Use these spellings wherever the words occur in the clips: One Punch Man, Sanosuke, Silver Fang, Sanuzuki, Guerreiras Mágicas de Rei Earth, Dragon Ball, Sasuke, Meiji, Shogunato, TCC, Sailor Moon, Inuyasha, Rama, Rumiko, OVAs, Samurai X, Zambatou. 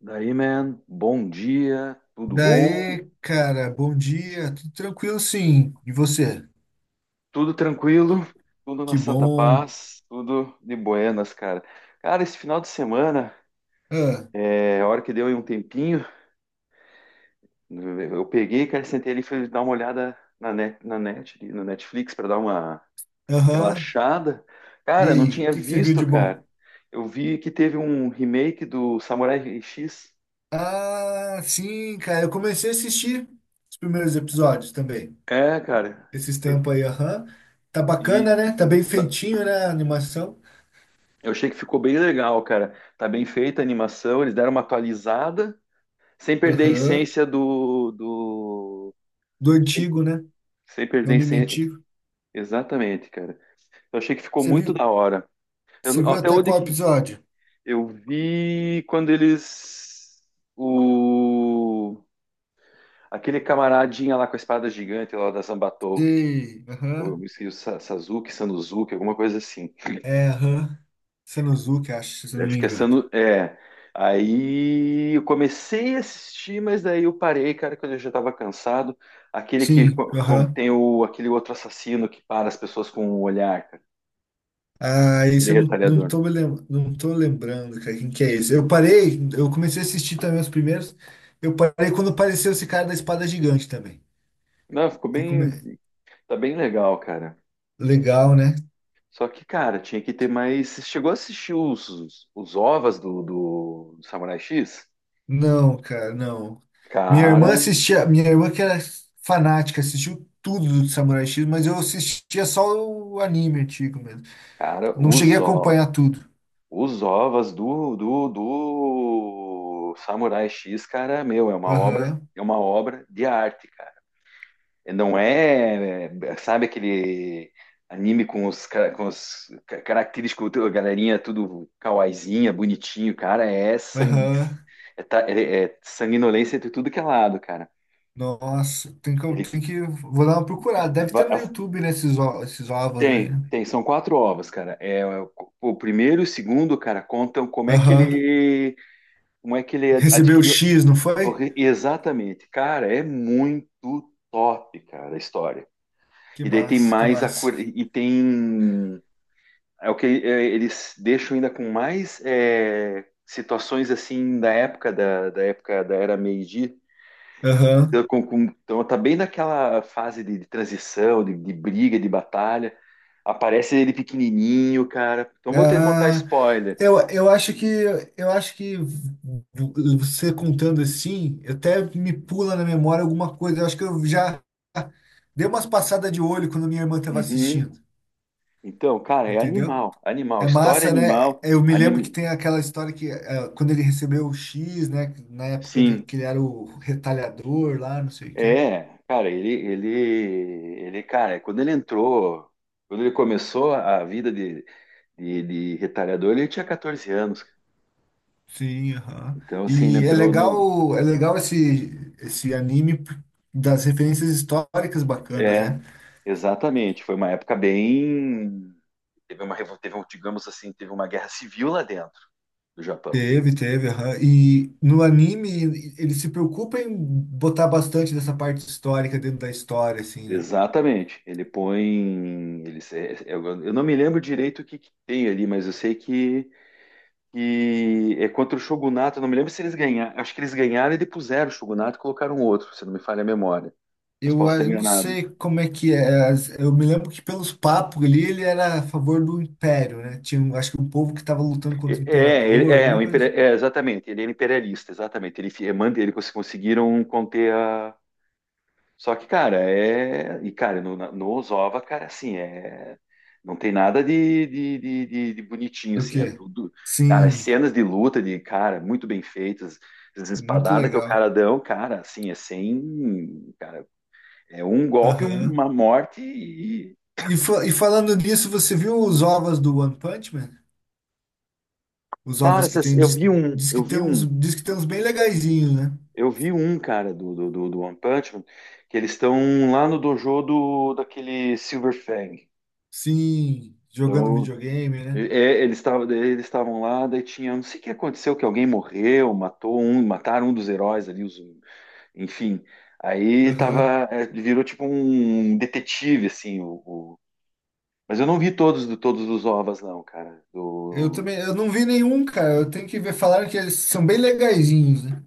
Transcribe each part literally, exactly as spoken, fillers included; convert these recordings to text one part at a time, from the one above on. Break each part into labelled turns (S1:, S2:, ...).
S1: Daí, man, bom dia, tudo bom?
S2: Daí, cara, bom dia, tudo tranquilo sim. E você?
S1: Tudo tranquilo, tudo na
S2: Que
S1: santa
S2: bom.
S1: paz, tudo de buenas, cara. Cara, esse final de semana,
S2: Ah,
S1: é, a hora que deu aí um tempinho, eu peguei, cara, sentei ali, e fui dar uma olhada na net, na net, no Netflix para dar uma
S2: aham.
S1: relaxada.
S2: E
S1: Cara, não
S2: aí, o
S1: tinha
S2: que que você viu
S1: visto,
S2: de bom?
S1: cara. Eu vi que teve um remake do Samurai X.
S2: Ah, sim, cara, eu comecei a assistir os primeiros episódios também.
S1: É, cara.
S2: Esses
S1: Eu-
S2: tempos aí, aham. Tá
S1: E
S2: bacana, né? Tá bem feitinho, né, a animação?
S1: Eu achei que ficou bem legal, cara. Tá bem feita a animação, eles deram uma atualizada, sem perder a
S2: Aham.
S1: essência do, do...
S2: Do
S1: Sem,
S2: antigo, né?
S1: sem
S2: Do
S1: perder a
S2: anime
S1: essência.
S2: antigo.
S1: Exatamente, cara. Eu achei que ficou
S2: Você
S1: muito da
S2: viu,
S1: hora.
S2: você
S1: Eu,
S2: viu
S1: até
S2: até
S1: onde
S2: qual
S1: que
S2: episódio?
S1: eu vi quando eles o aquele camaradinha lá com a espada gigante lá da Zambatou,
S2: Sei,
S1: ou eu
S2: aham.
S1: me esqueci, o Sa- Sasuke, Sanuzuki, alguma coisa assim.
S2: É, aham. Sanosuke, acho, se eu não
S1: Acho
S2: me
S1: que é
S2: engano.
S1: Sanu-. É. Aí eu comecei a assistir, mas daí eu parei, cara, quando eu já tava cansado. Aquele que
S2: Sim,
S1: co- co-
S2: aham.
S1: tem o, aquele outro assassino que para as pessoas com o olhar, cara.
S2: Ah, isso
S1: Aquele
S2: eu não, não
S1: retalhador.
S2: tô me lem- não tô lembrando, cara, quem que é esse? Eu parei, eu comecei a assistir também os primeiros. Eu parei quando apareceu esse cara da espada gigante também.
S1: Não, ficou
S2: Tem como
S1: bem.
S2: é-
S1: Tá bem legal, cara.
S2: Legal, né?
S1: Só que, cara, tinha que ter mais. Você chegou a assistir os, os, os OVAs do, do Samurai X?
S2: Não, cara, não. Minha
S1: Cara,
S2: irmã assistia, minha irmã que era fanática, assistiu tudo do Samurai X, mas eu assistia só o anime antigo mesmo.
S1: cara,
S2: Não cheguei
S1: os
S2: a
S1: OVAs.
S2: acompanhar tudo.
S1: Os OVAs do, do, do Samurai X, cara, meu, é uma obra,
S2: Aham,
S1: é uma obra de arte, cara. E não é, é, sabe aquele anime com os, ca- com os ca- característicos, tu- galerinha tudo kawaiizinha, bonitinho, cara, é sangue,
S2: aham.
S1: é, ta- é- é sanguinolência de tudo que é lado, cara.
S2: Nossa, tem que,
S1: Ele
S2: tem que, vou dar uma procurada. Deve ter
S1: va-
S2: no
S1: as-
S2: YouTube, né, esses, ó- esses ovos aí,
S1: tem,
S2: né?
S1: tem, são quatro ovas, cara. É, é o o primeiro e o segundo, cara, contam como é que
S2: Aham.
S1: ele como é que ele ad-
S2: Recebeu
S1: adquiriu
S2: X, não foi?
S1: Corre- Exatamente, cara, é muito top, cara, a história.
S2: Que
S1: E daí tem
S2: massa, que
S1: mais a
S2: massa.
S1: cor- e tem é o que é, eles deixam ainda com mais é, situações assim da época da, da época da era Meiji.
S2: Aham.
S1: Então, com- com- então tá bem naquela fase de, de transição, de, de briga, de batalha. Aparece ele pequenininho, cara. Então vou ter que contar
S2: Ah,
S1: spoiler.
S2: eu, eu acho que eu acho que você contando assim, até me pula na memória alguma coisa. Eu acho que eu já dei umas passadas de olho quando minha irmã estava
S1: Uhum.
S2: assistindo,
S1: Então, cara, é
S2: entendeu?
S1: animal, animal,
S2: É
S1: história
S2: massa, né?
S1: animal,
S2: Eu me lembro que
S1: anim...
S2: tem aquela história que eh, quando ele recebeu o X, né? Na época de-
S1: Sim.
S2: que ele era o retalhador lá, não sei o quê.
S1: É, cara, ele, ele, ele, cara, quando ele entrou, quando ele começou a vida de, de, de retalhador, ele tinha quatorze anos.
S2: Sim, aham.
S1: Então, assim, ele
S2: E é
S1: entrou no.
S2: legal, é legal esse, esse anime p- das referências históricas bacanas, né?
S1: É, exatamente. Foi uma época bem. Teve uma, revo- teve, um, digamos assim, teve uma guerra civil lá dentro do Japão.
S2: Teve, teve, aham. E no anime e- ele se preocupa em botar bastante dessa parte histórica dentro da história, assim, né?
S1: Exatamente. Ele põe. Ele, se- eu, eu não me lembro direito o que, que tem ali, mas eu sei que que é contra o Shogunato. Eu não me lembro se eles ganharam. Acho que eles ganharam e depuseram o Shogunato e colocaram um outro, se não me falha a memória. Mas
S2: Eu
S1: posso
S2: ah,
S1: estar
S2: não
S1: enganado.
S2: sei como é que é. as- Eu me lembro que pelos papos ali ele era a favor do império, né? Tinha, um- acho que um povo que estava lutando contra
S1: E-
S2: o imperador,
S1: É, é,
S2: alguma
S1: o
S2: coisa
S1: imperia-
S2: assim.
S1: é, exatamente. Ele era imperialista, exatamente. Ele fi- é, manda ele cons- conseguiram conter a. Só que, cara, é. E, cara, no, na- no Ozova, cara, assim, é. Não tem nada de, de, de, de- de bonitinho,
S2: Do
S1: assim, é
S2: quê?
S1: tudo. Cara,
S2: Sim,
S1: cenas de luta, de cara, muito bem feitas, as
S2: muito
S1: espadadas que o
S2: legal.
S1: cara dão, cara, assim, é sem. Cara, é um golpe,
S2: Aham.
S1: uma morte e.
S2: E, fa- e falando nisso, você viu os ovos do One Punch Man? Os
S1: Cara,
S2: ovos que
S1: essas-
S2: tem,
S1: eu
S2: diz,
S1: vi um,
S2: diz
S1: eu
S2: que tem
S1: vi um,
S2: uns, diz que tem uns bem legaizinhos, né?
S1: eu vi um, cara, do, do, do, do One Punch Man, que eles estão lá no dojo do, daquele Silver Fang.
S2: Sim, jogando
S1: Então,
S2: videogame,
S1: é,
S2: né?
S1: é, eles estavam eles estavam lá, daí tinha, não sei o que aconteceu, que alguém morreu, matou um, mataram um dos heróis ali, os, enfim. Aí
S2: Aham.
S1: tava, é, virou tipo um detetive, assim, o, o- mas eu não vi todos, todos os ovas, não, cara,
S2: Eu
S1: do...
S2: também, eu não vi nenhum, cara. Eu tenho que ver, falaram que eles são bem legaizinhos, né?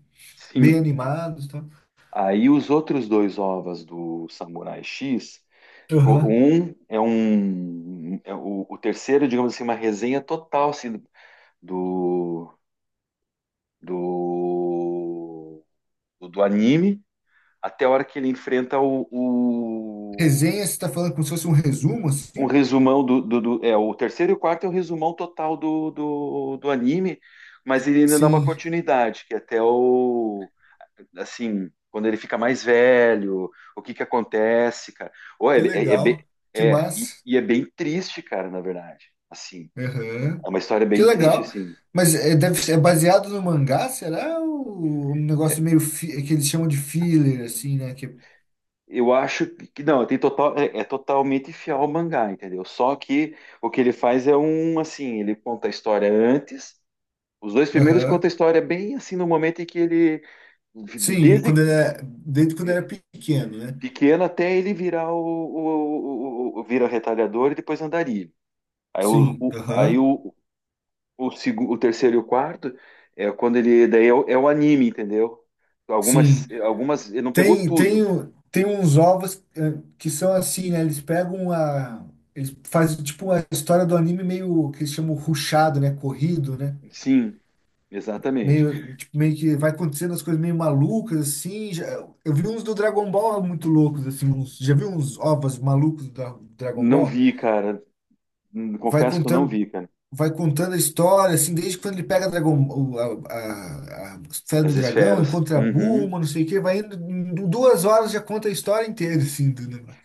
S2: Bem
S1: Sim.
S2: animados, tá?
S1: Aí os outros dois ovas do Samurai X,
S2: Tal.
S1: co-
S2: Aham.
S1: um é um é o, o terceiro, digamos assim, uma resenha total assim, do, do do do anime até a hora que ele enfrenta o, o-
S2: Resenha, você tá falando como se fosse um resumo,
S1: um
S2: assim?
S1: resumão do, do, do- é o terceiro e o quarto é o resumão total do, do, do anime, mas ele ainda dá uma
S2: Sim,
S1: continuidade que é até o assim, quando ele fica mais velho, o que que acontece, cara. Ou é,
S2: que
S1: é, é bem,
S2: legal, que
S1: é, e,
S2: massa.
S1: e é bem triste, cara, na verdade. Assim,
S2: Aham.
S1: é uma história
S2: Que
S1: bem triste,
S2: legal.
S1: assim.
S2: Mas é, deve ser- é baseado no mangá, será? Ou um negócio meio fi- que eles chamam de filler, assim, né? Que...
S1: Eu acho que não, tem total, é, é totalmente fiel ao mangá, entendeu? Só que o que ele faz é um assim, ele conta a história antes. Os dois primeiros contam
S2: Aham.
S1: a história bem assim no momento em que ele,
S2: Sim, e
S1: desde
S2: quando era, desde quando era
S1: eh,
S2: pequeno, né?
S1: pequeno até ele virar o, o, o, o- o- vira retalhador e depois andarilho. Aí o,
S2: Sim,
S1: o- aí
S2: aham.
S1: o, O, segu- o terceiro e o quarto é quando ele. Daí é o, é o anime, entendeu? Algumas,
S2: Sim.
S1: algumas. Ele não pegou
S2: Tem, tem,
S1: tudo.
S2: o- tem uns ovos eh, que são assim, né? Eles pegam a. Eles fazem tipo uma história do anime meio que eles chamam rushado, né? Corrido, né?
S1: Sim, exatamente.
S2: Meio, tipo, meio que vai acontecendo as coisas meio malucas, assim. Já, eu vi uns do Dragon Ball muito loucos, assim. Uns, já vi uns ovas malucos da Dragon
S1: Não
S2: Ball?
S1: vi, cara.
S2: Vai
S1: Confesso que eu não
S2: contando,
S1: vi, cara.
S2: vai contando a história, assim, desde quando ele pega a, Dragon, o- a, a, a esfera do
S1: As
S2: dragão,
S1: esferas.
S2: encontra a
S1: Uhum.
S2: Bulma, não sei o quê. Vai indo, em duas horas já conta a história inteira, assim, do negócio.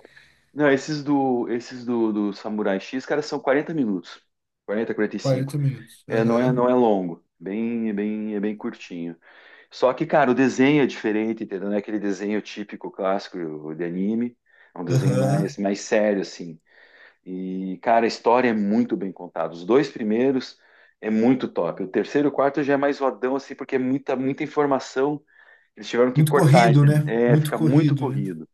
S1: Não, esses do, esses do, do Samurai X, cara, são quarenta minutos. quarenta quarenta e cinco
S2: Quarenta minutos.
S1: É, não é, não
S2: Aham,
S1: é longo. Bem, é bem, é bem curtinho. Só que, cara, o desenho é diferente, entendeu? Não é aquele desenho típico, clássico de anime. É um desenho
S2: aham.
S1: mais, mais sério, assim. E, cara, a história é muito bem contada. Os dois primeiros é muito top. O terceiro e o quarto já é mais rodão, assim, porque é muita, muita informação. Eles tiveram que
S2: Muito
S1: cortar,
S2: corrido,
S1: entende?
S2: né?
S1: é,
S2: Muito
S1: fica muito
S2: corrido, né?
S1: corrido.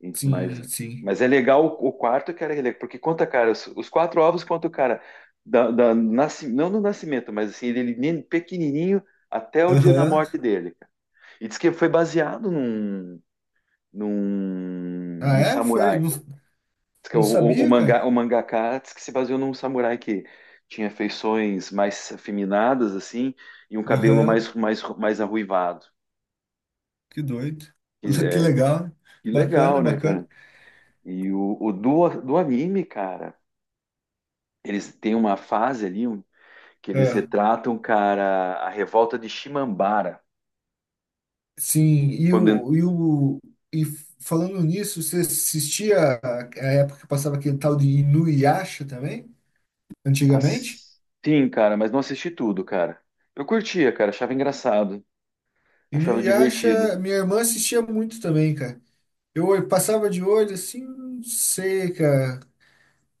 S1: E- Mas,
S2: Sim,
S1: mas
S2: sim.
S1: é legal o, o quarto, cara, ele- porque conta, cara, os, os quatro ovos conta o cara, da, da, nasci- não do nascimento, mas assim, ele, nem- pequenininho até o dia da
S2: Aham.
S1: morte dele, cara. E diz que foi baseado num, num,
S2: Ah,
S1: num
S2: é? Foi?
S1: samurai.
S2: Não,
S1: Diz que é O,
S2: não
S1: o, o
S2: sabia,
S1: mangá,
S2: cara?
S1: o mangaka diz que se baseou num samurai que tinha feições mais afeminadas, assim, e um cabelo
S2: Aham,
S1: mais, mais, mais arruivado.
S2: que doido.
S1: Que,
S2: Que
S1: é,
S2: legal.
S1: que
S2: Bacana,
S1: legal, né,
S2: bacana.
S1: cara? E o, o do, do anime, cara, eles têm uma fase ali um, que eles
S2: Ah,
S1: retratam, cara, a revolta de Shimambara.
S2: sim, e
S1: Quando, en-
S2: o, e o e falando nisso, você assistia a, a época que passava aquele tal de Inuyasha também, antigamente?
S1: as- sim, cara, mas não assisti tudo, cara. Eu curtia, cara, achava engraçado, achava divertido.
S2: Inuyasha, minha irmã assistia muito também, cara. Eu olh- passava de olho assim, não sei, cara.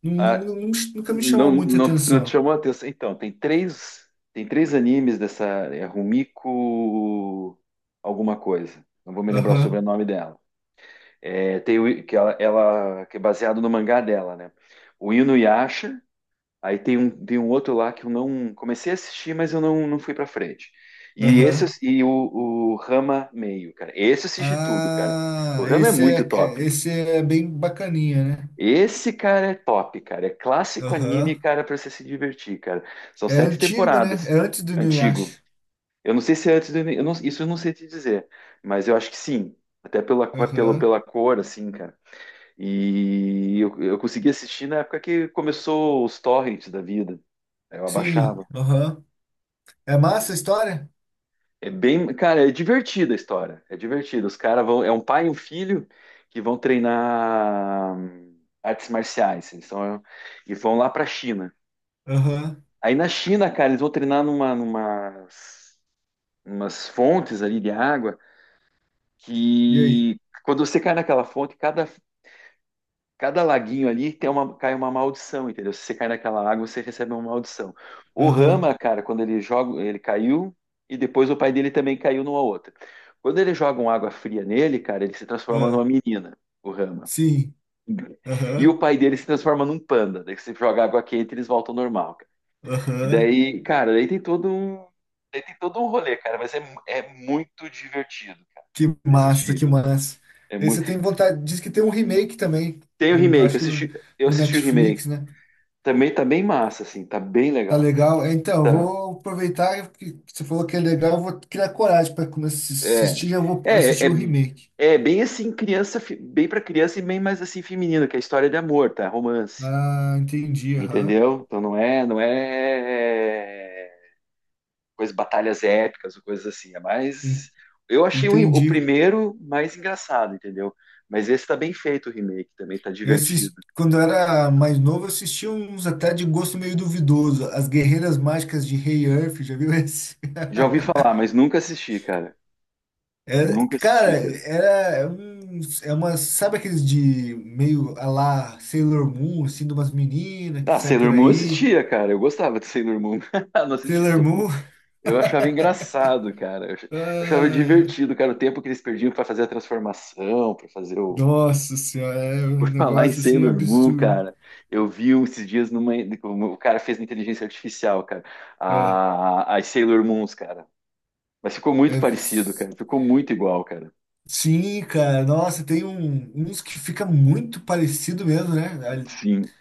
S2: Não, não-
S1: A-
S2: não- nunca me
S1: Não,
S2: chamou muita
S1: não, te- não te
S2: atenção.
S1: chamou a atenção. Então, tem três, tem três animes dessa é Rumiko alguma coisa. Não vou me lembrar o
S2: Aham,
S1: sobrenome dela. É, tem o, que ela, ela- que é baseado no mangá dela, né? O Inuyasha. Aí tem um, tem um outro lá que eu não comecei a assistir, mas eu não, não fui pra frente. E esse eu-
S2: aham.
S1: e o, o Rama meio, cara. Esse eu assisti tudo, cara. O
S2: Ah,
S1: Rama é
S2: esse
S1: muito
S2: é,
S1: top.
S2: esse é bem bacaninha, né?
S1: Esse, cara, é top, cara. É clássico anime,
S2: Aham.
S1: cara, pra você se divertir, cara. São
S2: É
S1: sete
S2: antigo, né? É
S1: temporadas.
S2: antes do
S1: Antigo.
S2: Inuyasha.
S1: Eu não sei se é antes do. Eu não- Isso eu não sei te dizer. Mas eu acho que sim. Até pela, co- pelo,
S2: Aham.
S1: pela cor, assim, cara. E eu, eu consegui assistir na época que começou os torrents da vida. Aí eu
S2: Sim,
S1: abaixava.
S2: aham. É massa a história?
S1: É bem. Cara, é divertida a história. É divertida. Os caras vão. É um pai e um filho que vão treinar hum, artes marciais. Eles são, e vão lá pra China.
S2: Aham.
S1: Aí na China, cara, eles vão treinar numa, numas, umas fontes ali de água
S2: E aí?
S1: que quando você cai naquela fonte, cada, cada laguinho ali tem uma, cai uma maldição, entendeu? Se você cai naquela água, você recebe uma maldição. O
S2: Aham.
S1: Rama, cara, quando ele joga, ele caiu e depois o pai dele também caiu numa outra. Quando eles jogam água fria nele, cara, ele se transforma
S2: Ah.
S1: numa menina, o Rama.
S2: Sim.
S1: E o
S2: Aham.
S1: pai dele se transforma num panda. Daí você joga água quente, e eles voltam ao normal. E
S2: Aham.
S1: daí, cara, daí tem todo um, daí tem todo um rolê, cara, mas é, mu- é muito divertido, cara,
S2: Que
S1: de
S2: massa, que
S1: assistir.
S2: massa.
S1: É
S2: Esse eu
S1: muito.
S2: tenho vontade. Diz que tem um remake também.
S1: Tem o
S2: do- do-
S1: remake, eu
S2: Acho que no,
S1: assisti, eu
S2: no
S1: assisti o remake.
S2: Netflix, né?
S1: Também tá bem massa, assim, tá bem
S2: Tá
S1: legal.
S2: legal. É, então, eu
S1: Tá.
S2: vou aproveitar que você falou que é legal. Eu vou criar coragem para começar a
S1: É.
S2: assistir. Já vou
S1: É,
S2: assistir
S1: é,
S2: o remake.
S1: é bem assim, criança, fi- bem pra criança e bem mais assim feminino, que é a história de amor, tá? Romance.
S2: Ah, entendi. Aham.
S1: Entendeu? Então não é, não é, coisas, batalhas épicas, ou coisas assim. É
S2: En-
S1: mais. Eu achei o, o
S2: Entendi.
S1: primeiro mais engraçado, entendeu? Mas esse tá bem feito o remake também, tá
S2: Eu
S1: divertido.
S2: assisti, quando eu era mais novo, eu assistia uns até de gosto meio duvidoso. As Guerreiras Mágicas de Rei Earth, já viu esse?
S1: Já ouvi falar, mas nunca assisti, cara.
S2: É,
S1: Nunca assisti,
S2: cara,
S1: cara.
S2: era um, é uma, sabe aqueles de meio a lá Sailor Moon, assim, de umas meninas que
S1: Ah,
S2: sai
S1: Sailor
S2: por
S1: Moon eu
S2: aí?
S1: assistia, cara. Eu gostava de Sailor Moon. Não assisti
S2: Sailor
S1: tudo.
S2: Moon?
S1: Eu achava engraçado, cara. Eu ach- eu achava
S2: Ai,
S1: divertido, cara, o tempo que eles perdiam pra fazer a transformação, pra fazer o.
S2: nossa senhora, é um
S1: Por falar em
S2: negócio assim
S1: Sailor Moon,
S2: absurdo.
S1: cara, eu vi um esses dias numa. O cara fez na inteligência artificial, cara.
S2: É,
S1: A, as Sailor Moons, cara. Mas ficou muito
S2: é
S1: parecido,
S2: vis-
S1: cara. Ficou muito igual, cara.
S2: sim, cara, nossa, tem um- uns que fica muito parecido mesmo, né? Ali-
S1: Sim.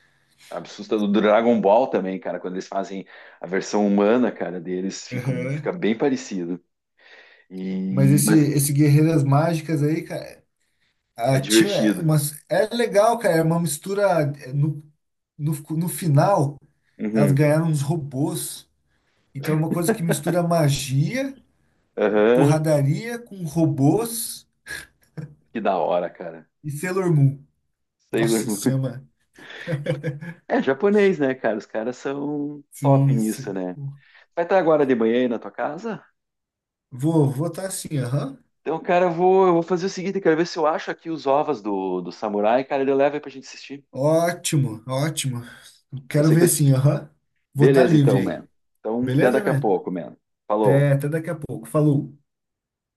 S1: Assustador. Do Dragon Ball também, cara. Quando eles fazem a versão humana, cara, deles, fica,
S2: Aham.
S1: fica bem parecido.
S2: Mas
S1: E...
S2: esse,
S1: Mas
S2: esse Guerreiras Mágicas aí, cara,
S1: é
S2: ah, tinha
S1: divertido.
S2: umas, é legal, cara, é uma mistura. É, No, no, no final, elas
S1: Uhum.
S2: ganharam uns robôs. Então é uma coisa que mistura magia,
S1: Aham.
S2: porradaria com robôs
S1: Que da hora, cara.
S2: e Sailor Moon.
S1: Sailor
S2: Nossa, se
S1: Moon.
S2: chama.
S1: É japonês, né, cara? Os caras são
S2: Sim,
S1: top
S2: isso.
S1: nisso, né? Vai estar agora de manhã aí na tua casa?
S2: Vou, vou estar assim, aham.
S1: Então, cara, eu vou, eu vou fazer o seguinte, eu quero ver se eu acho aqui os ovos do, do samurai, cara, ele leva aí pra gente assistir.
S2: Ótimo, ótimo.
S1: Eu
S2: Quero
S1: sei que
S2: ver
S1: eu...
S2: sim, aham. Vou estar
S1: Beleza, então,
S2: livre
S1: man.
S2: aí.
S1: Então, até
S2: Beleza,
S1: daqui a
S2: man?
S1: pouco, man.
S2: Até,
S1: Falou.
S2: até daqui a pouco. Falou.